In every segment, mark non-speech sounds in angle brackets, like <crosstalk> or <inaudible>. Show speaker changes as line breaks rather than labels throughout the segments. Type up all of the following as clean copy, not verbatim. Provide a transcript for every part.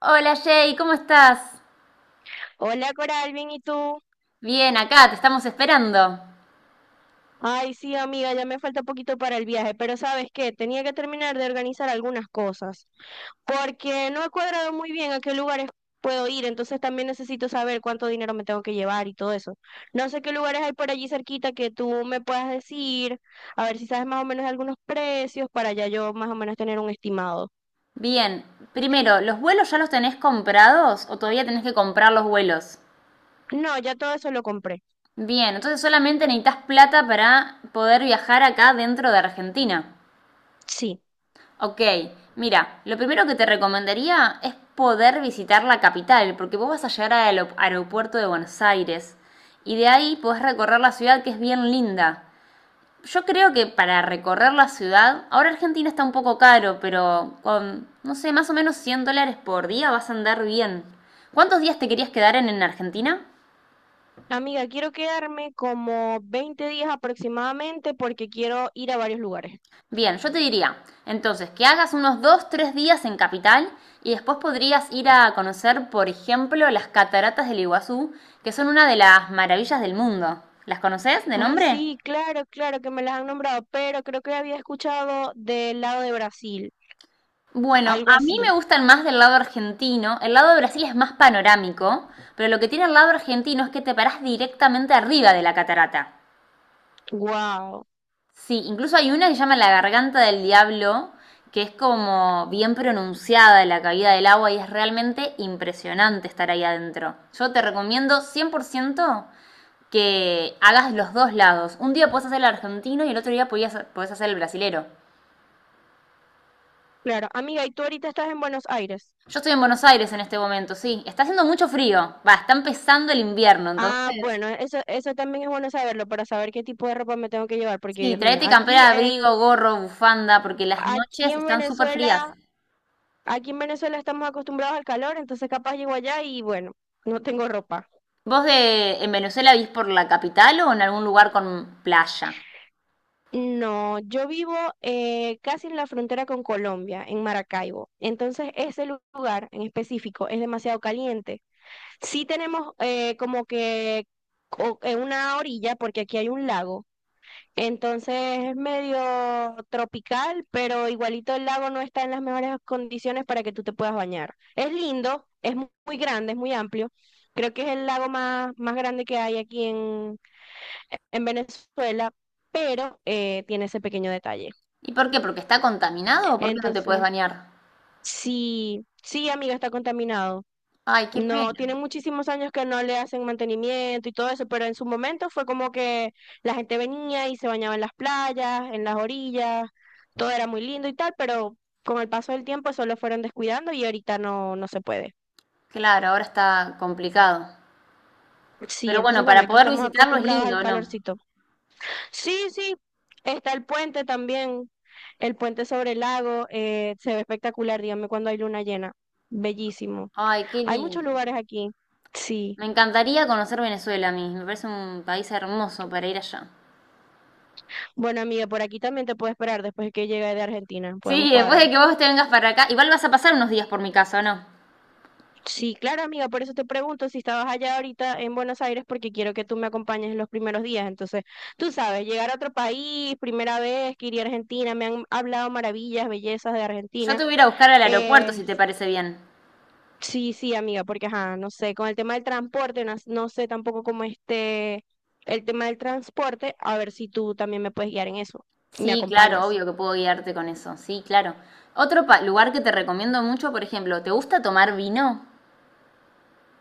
Hola Jay, ¿cómo estás?
Hola Coral, bien, ¿y tú?
Bien, acá, te estamos esperando.
Ay, sí, amiga, ya me falta poquito para el viaje, pero ¿sabes qué? Tenía que terminar de organizar algunas cosas, porque no he cuadrado muy bien a qué lugares puedo ir, entonces también necesito saber cuánto dinero me tengo que llevar y todo eso. No sé qué lugares hay por allí cerquita que tú me puedas decir, a ver si sabes más o menos algunos precios para ya yo más o menos tener un estimado.
Bien, primero, ¿los vuelos ya los tenés comprados o todavía tenés que comprar los vuelos?
No, ya todo eso lo compré.
Bien, entonces solamente necesitas plata para poder viajar acá dentro de Argentina.
Sí.
Ok, mira, lo primero que te recomendaría es poder visitar la capital, porque vos vas a llegar al aeropuerto de Buenos Aires y de ahí podés recorrer la ciudad que es bien linda. Yo creo que para recorrer la ciudad, ahora Argentina está un poco caro, pero con, no sé, más o menos 100 dólares por día vas a andar bien. ¿Cuántos días te querías quedar en Argentina?
Amiga, quiero quedarme como 20 días aproximadamente porque quiero ir a varios lugares.
Bien, yo te diría, entonces, que hagas unos dos tres días en Capital y después podrías ir a conocer, por ejemplo, las cataratas del Iguazú, que son una de las maravillas del mundo. ¿Las conoces de
Ay,
nombre?
sí, claro, claro que me las han nombrado, pero creo que había escuchado del lado de Brasil,
Bueno,
algo
a mí me
así.
gustan más del lado argentino. El lado de Brasil es más panorámico, pero lo que tiene el lado argentino es que te parás directamente arriba de la catarata.
Wow.
Sí, incluso hay una que se llama la Garganta del Diablo, que es como bien pronunciada de la caída del agua y es realmente impresionante estar ahí adentro. Yo te recomiendo 100% que hagas los dos lados. Un día puedes hacer el argentino y el otro día podés hacer el brasilero.
Claro, amiga, ¿y tú ahorita estás en Buenos Aires?
Yo estoy en Buenos Aires en este momento, sí. Está haciendo mucho frío. Va, está empezando el invierno,
Ah,
entonces.
bueno, eso también es bueno saberlo para saber qué tipo de ropa me tengo que llevar, porque
Sí,
Dios mío,
traete campera, de abrigo, gorro, bufanda, porque las
aquí
noches
en
están súper frías.
Venezuela, aquí en Venezuela estamos acostumbrados al calor, entonces capaz llego allá y bueno, no tengo ropa.
¿Vos en Venezuela vivís por la capital o en algún lugar con playa?
No, yo vivo casi en la frontera con Colombia, en Maracaibo. Entonces, ese lugar en específico es demasiado caliente. Sí tenemos como que una orilla, porque aquí hay un lago. Entonces, es medio tropical, pero igualito el lago no está en las mejores condiciones para que tú te puedas bañar. Es lindo, es muy grande, es muy amplio. Creo que es el lago más grande que hay aquí en Venezuela, pero tiene ese pequeño detalle.
¿Y por qué? ¿Porque está contaminado o por qué no te puedes
Entonces,
bañar?
sí, amiga, está contaminado.
Ay, qué
No, tiene
pena.
muchísimos años que no le hacen mantenimiento y todo eso, pero en su momento fue como que la gente venía y se bañaba en las playas, en las orillas, todo era muy lindo y tal, pero con el paso del tiempo solo fueron descuidando y ahorita no, no se puede.
Claro, ahora está complicado.
Sí,
Pero
entonces
bueno,
bueno,
para
aquí
poder
estamos
visitarlo es
acostumbrados al
lindo, ¿no?
calorcito. Sí, sí, está el puente también, el puente sobre el lago, se ve espectacular, dígame cuando hay luna llena, bellísimo.
Ay, qué
Hay muchos
lindo.
lugares aquí. Sí.
Me encantaría conocer Venezuela a mí. Me parece un país hermoso para ir allá.
Bueno, amiga, por aquí también te puedo esperar después que llegue de Argentina. Podemos
Sí, después de
cuadrar.
que vos te vengas para acá, igual vas a pasar unos días por mi casa, ¿o no?
Sí, claro, amiga, por eso te pregunto si estabas allá ahorita en Buenos Aires, porque quiero que tú me acompañes en los primeros días. Entonces, tú sabes, llegar a otro país, primera vez que iría a Argentina, me han hablado maravillas, bellezas de
Yo
Argentina.
te voy a ir a buscar al aeropuerto,
Eh,
si te parece bien.
sí, sí, amiga, porque, ajá, no sé, con el tema del transporte, no, no sé tampoco cómo esté el tema del transporte, a ver si tú también me puedes guiar en eso, me
Sí, claro,
acompañas.
obvio que puedo guiarte con eso. Sí, claro. Otro lugar que te recomiendo mucho, por ejemplo, ¿te gusta tomar vino?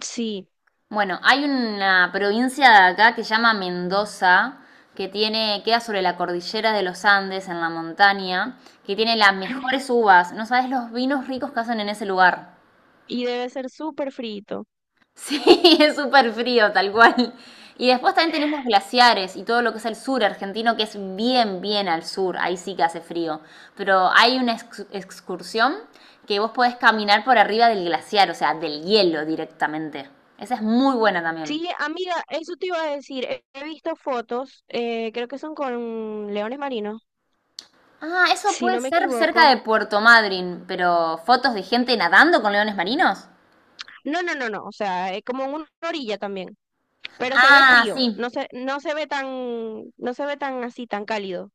Sí.
Bueno, hay una provincia de acá que se llama Mendoza, que tiene, queda sobre la cordillera de los Andes, en la montaña, que tiene las mejores uvas. No sabes los vinos ricos que hacen en ese lugar.
Y debe ser súper frito.
Sí, <laughs> es súper frío, tal cual. Y después también tenés los glaciares y todo lo que es el sur argentino, que es bien, bien al sur, ahí sí que hace frío. Pero hay una excursión que vos podés caminar por arriba del glaciar, o sea, del hielo directamente. Esa es muy buena también.
Sí, amiga, eso te iba a decir. He visto fotos, creo que son con leones marinos,
Ah, eso
si
puede
no me
ser cerca
equivoco.
de Puerto Madryn, pero fotos de gente nadando con leones marinos.
No, no, no, no, o sea, es como en una orilla también, pero se ve
Ah,
frío,
sí.
no se ve tan, no se ve tan así, tan cálido.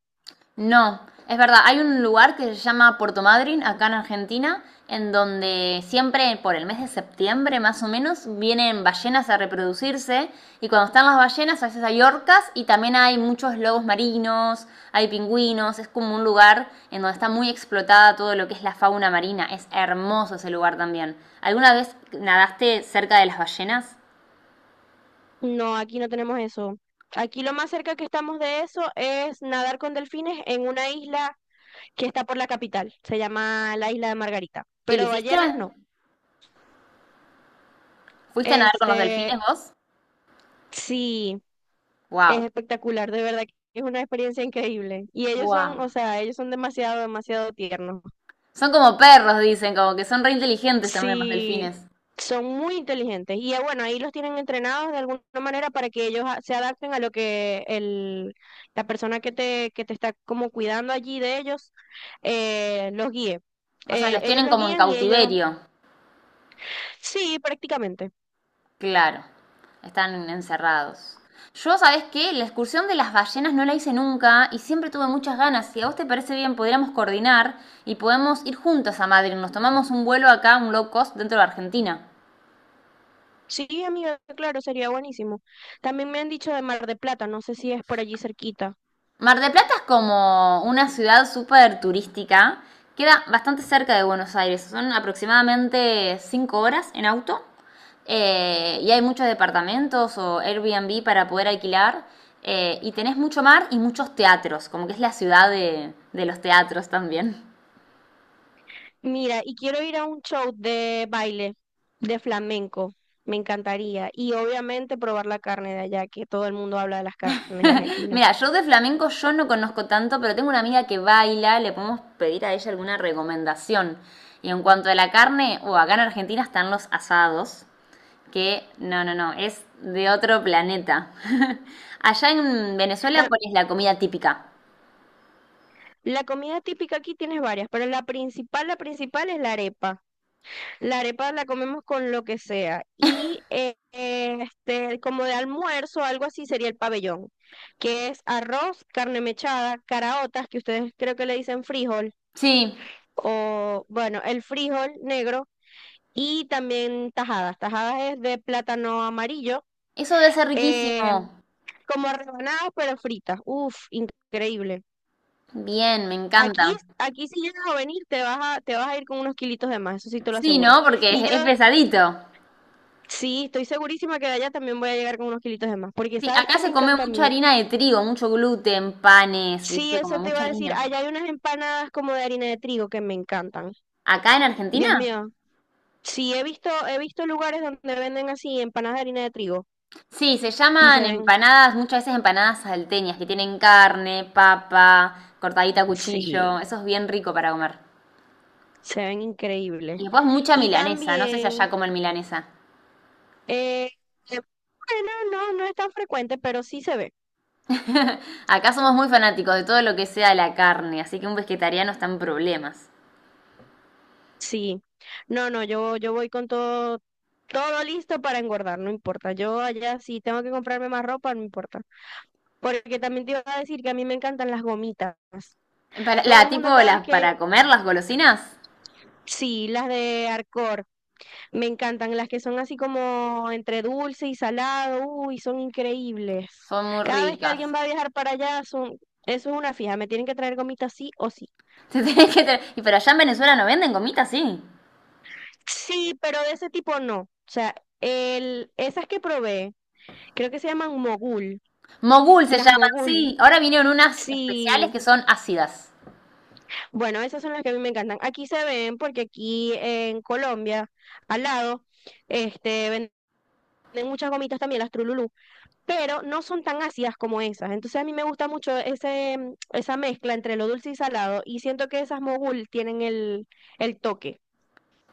No, es verdad, hay un lugar que se llama Puerto Madryn, acá en Argentina, en donde siempre por el mes de septiembre más o menos vienen ballenas a reproducirse y cuando están las ballenas a veces hay orcas y también hay muchos lobos marinos, hay pingüinos, es como un lugar en donde está muy explotada todo lo que es la fauna marina, es hermoso ese lugar también. ¿Alguna vez nadaste cerca de las ballenas?
No, aquí no tenemos eso. Aquí lo más cerca que estamos de eso es nadar con delfines en una isla que está por la capital, se llama la isla de Margarita,
¿Y lo
pero
hiciste?
ballenas no.
¿Fuiste a nadar con los
Este,
delfines vos?
sí. Es
Wow,
espectacular, de verdad que es una experiencia increíble. Y ellos son,
wow.
o sea, ellos son demasiado, demasiado tiernos.
Son como perros, dicen, como que son re inteligentes también los
Sí,
delfines.
son muy inteligentes. Y bueno, ahí los tienen entrenados de alguna manera para que ellos se adapten a lo que la persona que te está como cuidando allí de ellos los guíe.
O sea, los
Ellos
tienen
los
como en
guían y ellos,
cautiverio.
sí, prácticamente.
Claro, están encerrados. Yo, ¿sabés qué? La excursión de las ballenas no la hice nunca y siempre tuve muchas ganas. Si a vos te parece bien, podríamos coordinar y podemos ir juntas a Madrid. Nos tomamos un vuelo acá, un low cost, dentro de Argentina.
Sí, amiga, claro, sería buenísimo. También me han dicho de Mar de Plata, no sé si es por allí cerquita.
Mar del Plata es como una ciudad súper turística. Queda bastante cerca de Buenos Aires. Son aproximadamente 5 horas en auto. Y hay muchos departamentos o Airbnb para poder alquilar. Eh, y tenés mucho mar y muchos teatros, como que es la ciudad de los teatros también.
Mira, y quiero ir a un show de baile, de flamenco, me encantaría. Y obviamente probar la carne de allá, que todo el mundo habla de las carnes de
<laughs>
Argentina.
Mira, yo de flamenco yo no conozco tanto, pero tengo una amiga que baila, le podemos pedir a ella alguna recomendación. Y en cuanto a la carne, o acá en Argentina están los asados, que no, no, no, es de otro planeta. <laughs> Allá en Venezuela,
Ta-
¿cuál es la comida típica?
La comida típica aquí tienes varias, pero la principal es la arepa. La arepa la comemos con lo que sea. Y este, como de almuerzo, algo así sería el pabellón, que es arroz, carne mechada, caraotas, que ustedes creo que le dicen frijol,
Sí,
o bueno, el frijol negro y también tajadas. Tajadas es de plátano amarillo,
eso debe ser riquísimo.
eh, como rebanadas pero fritas. Uf, increíble.
Bien, me encanta.
Aquí si llegas a venir te vas a ir con unos kilitos de más, eso sí te lo
Sí,
aseguro.
¿no? Porque
Y yo
es pesadito.
sí, estoy segurísima que de allá también voy a llegar con unos kilitos de más, porque
Sí,
sabes
acá
que me
se come
encanta a
mucha
mí.
harina de trigo, mucho gluten, panes,
Sí,
¿viste? Como
eso te
mucha
iba a decir.
harina.
Allá hay unas empanadas como de harina de trigo que me encantan.
¿Acá en Argentina?
Dios mío. Sí, he visto lugares donde venden así empanadas de harina de trigo
Sí, se
y se
llaman
ven.
empanadas, muchas veces empanadas salteñas, que tienen carne, papa, cortadita a
Sí,
cuchillo. Eso es bien rico para comer.
se ven
Y
increíbles.
después mucha
Y
milanesa, no sé si
también,
allá comen milanesa.
eh, eh, bueno, no, no es tan frecuente, pero sí se ve.
<laughs> Acá somos muy fanáticos de todo lo que sea la carne, así que un vegetariano está en problemas.
Sí. No, yo voy con todo, todo listo para engordar, no importa. Yo allá sí tengo que comprarme más ropa, no importa. Porque también te iba a decir que a mí me encantan las gomitas.
Para,
Todo el
la, tipo,
mundo cada vez
las,
que,
para comer las golosinas
sí, las de Arcor. Me encantan las que son así como entre dulce y salado, uy, son increíbles.
son muy
Cada vez que alguien
ricas.
va a viajar para allá, son, eso es una fija, me tienen que traer gomitas sí o sí.
<laughs> Te tenés que y para allá en Venezuela no venden gomitas, sí.
Sí, pero de ese tipo no. O sea, esas que probé, creo que se llaman mogul,
Mogul se
las
llaman,
mogul.
sí. Ahora vinieron unas especiales
Sí,
que son ácidas.
bueno, esas son las que a mí me encantan. Aquí se ven porque aquí en Colombia, al lado, este, venden muchas gomitas también, las Trululú, pero no son tan ácidas como esas. Entonces a mí me gusta mucho esa mezcla entre lo dulce y salado y siento que esas mogul tienen el toque,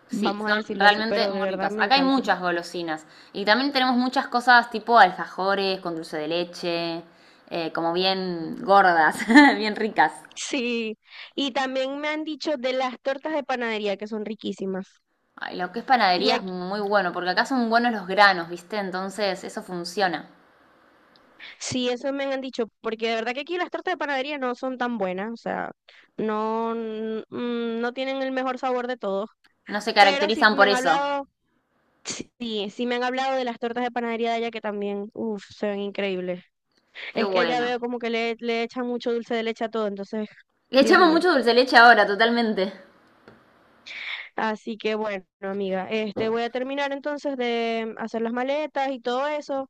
Sí,
vamos a
son
decirlo así,
realmente
pero de
muy
verdad
ricas.
me
Acá hay
encantan. <laughs>
muchas golosinas. Y también tenemos muchas cosas tipo alfajores con dulce de leche, como bien gordas, <laughs> bien ricas.
Sí, y también me han dicho de las tortas de panadería que son riquísimas.
Ay, lo que es
Y
panadería es
aquí,
muy bueno, porque acá son buenos los granos, ¿viste? Entonces eso funciona.
sí, eso me han dicho, porque de verdad que aquí las tortas de panadería no son tan buenas, o sea, no, mm, no tienen el mejor sabor de todos,
No se
pero sí
caracterizan
me
por
han
eso.
hablado. Sí, sí me han hablado de las tortas de panadería de allá que también, uff, se ven increíbles.
Qué
Es que allá
bueno.
veo como que le echan mucho dulce de leche a todo, entonces,
Le
Dios
echamos
mío.
mucho dulce de leche ahora, totalmente.
Así que bueno, amiga, este voy a terminar entonces de hacer las maletas y todo eso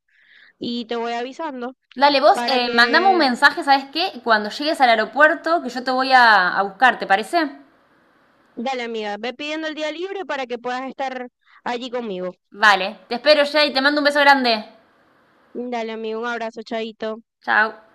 y te voy avisando
Dale, vos,
para
mandame un
que,
mensaje, ¿sabes qué? Cuando llegues al aeropuerto, que yo te voy a buscar, ¿te parece?
dale amiga, ve pidiendo el día libre para que puedas estar allí conmigo.
Vale, te espero ya y te mando un beso grande.
Dale amigo, un abrazo, chaito.
Chao.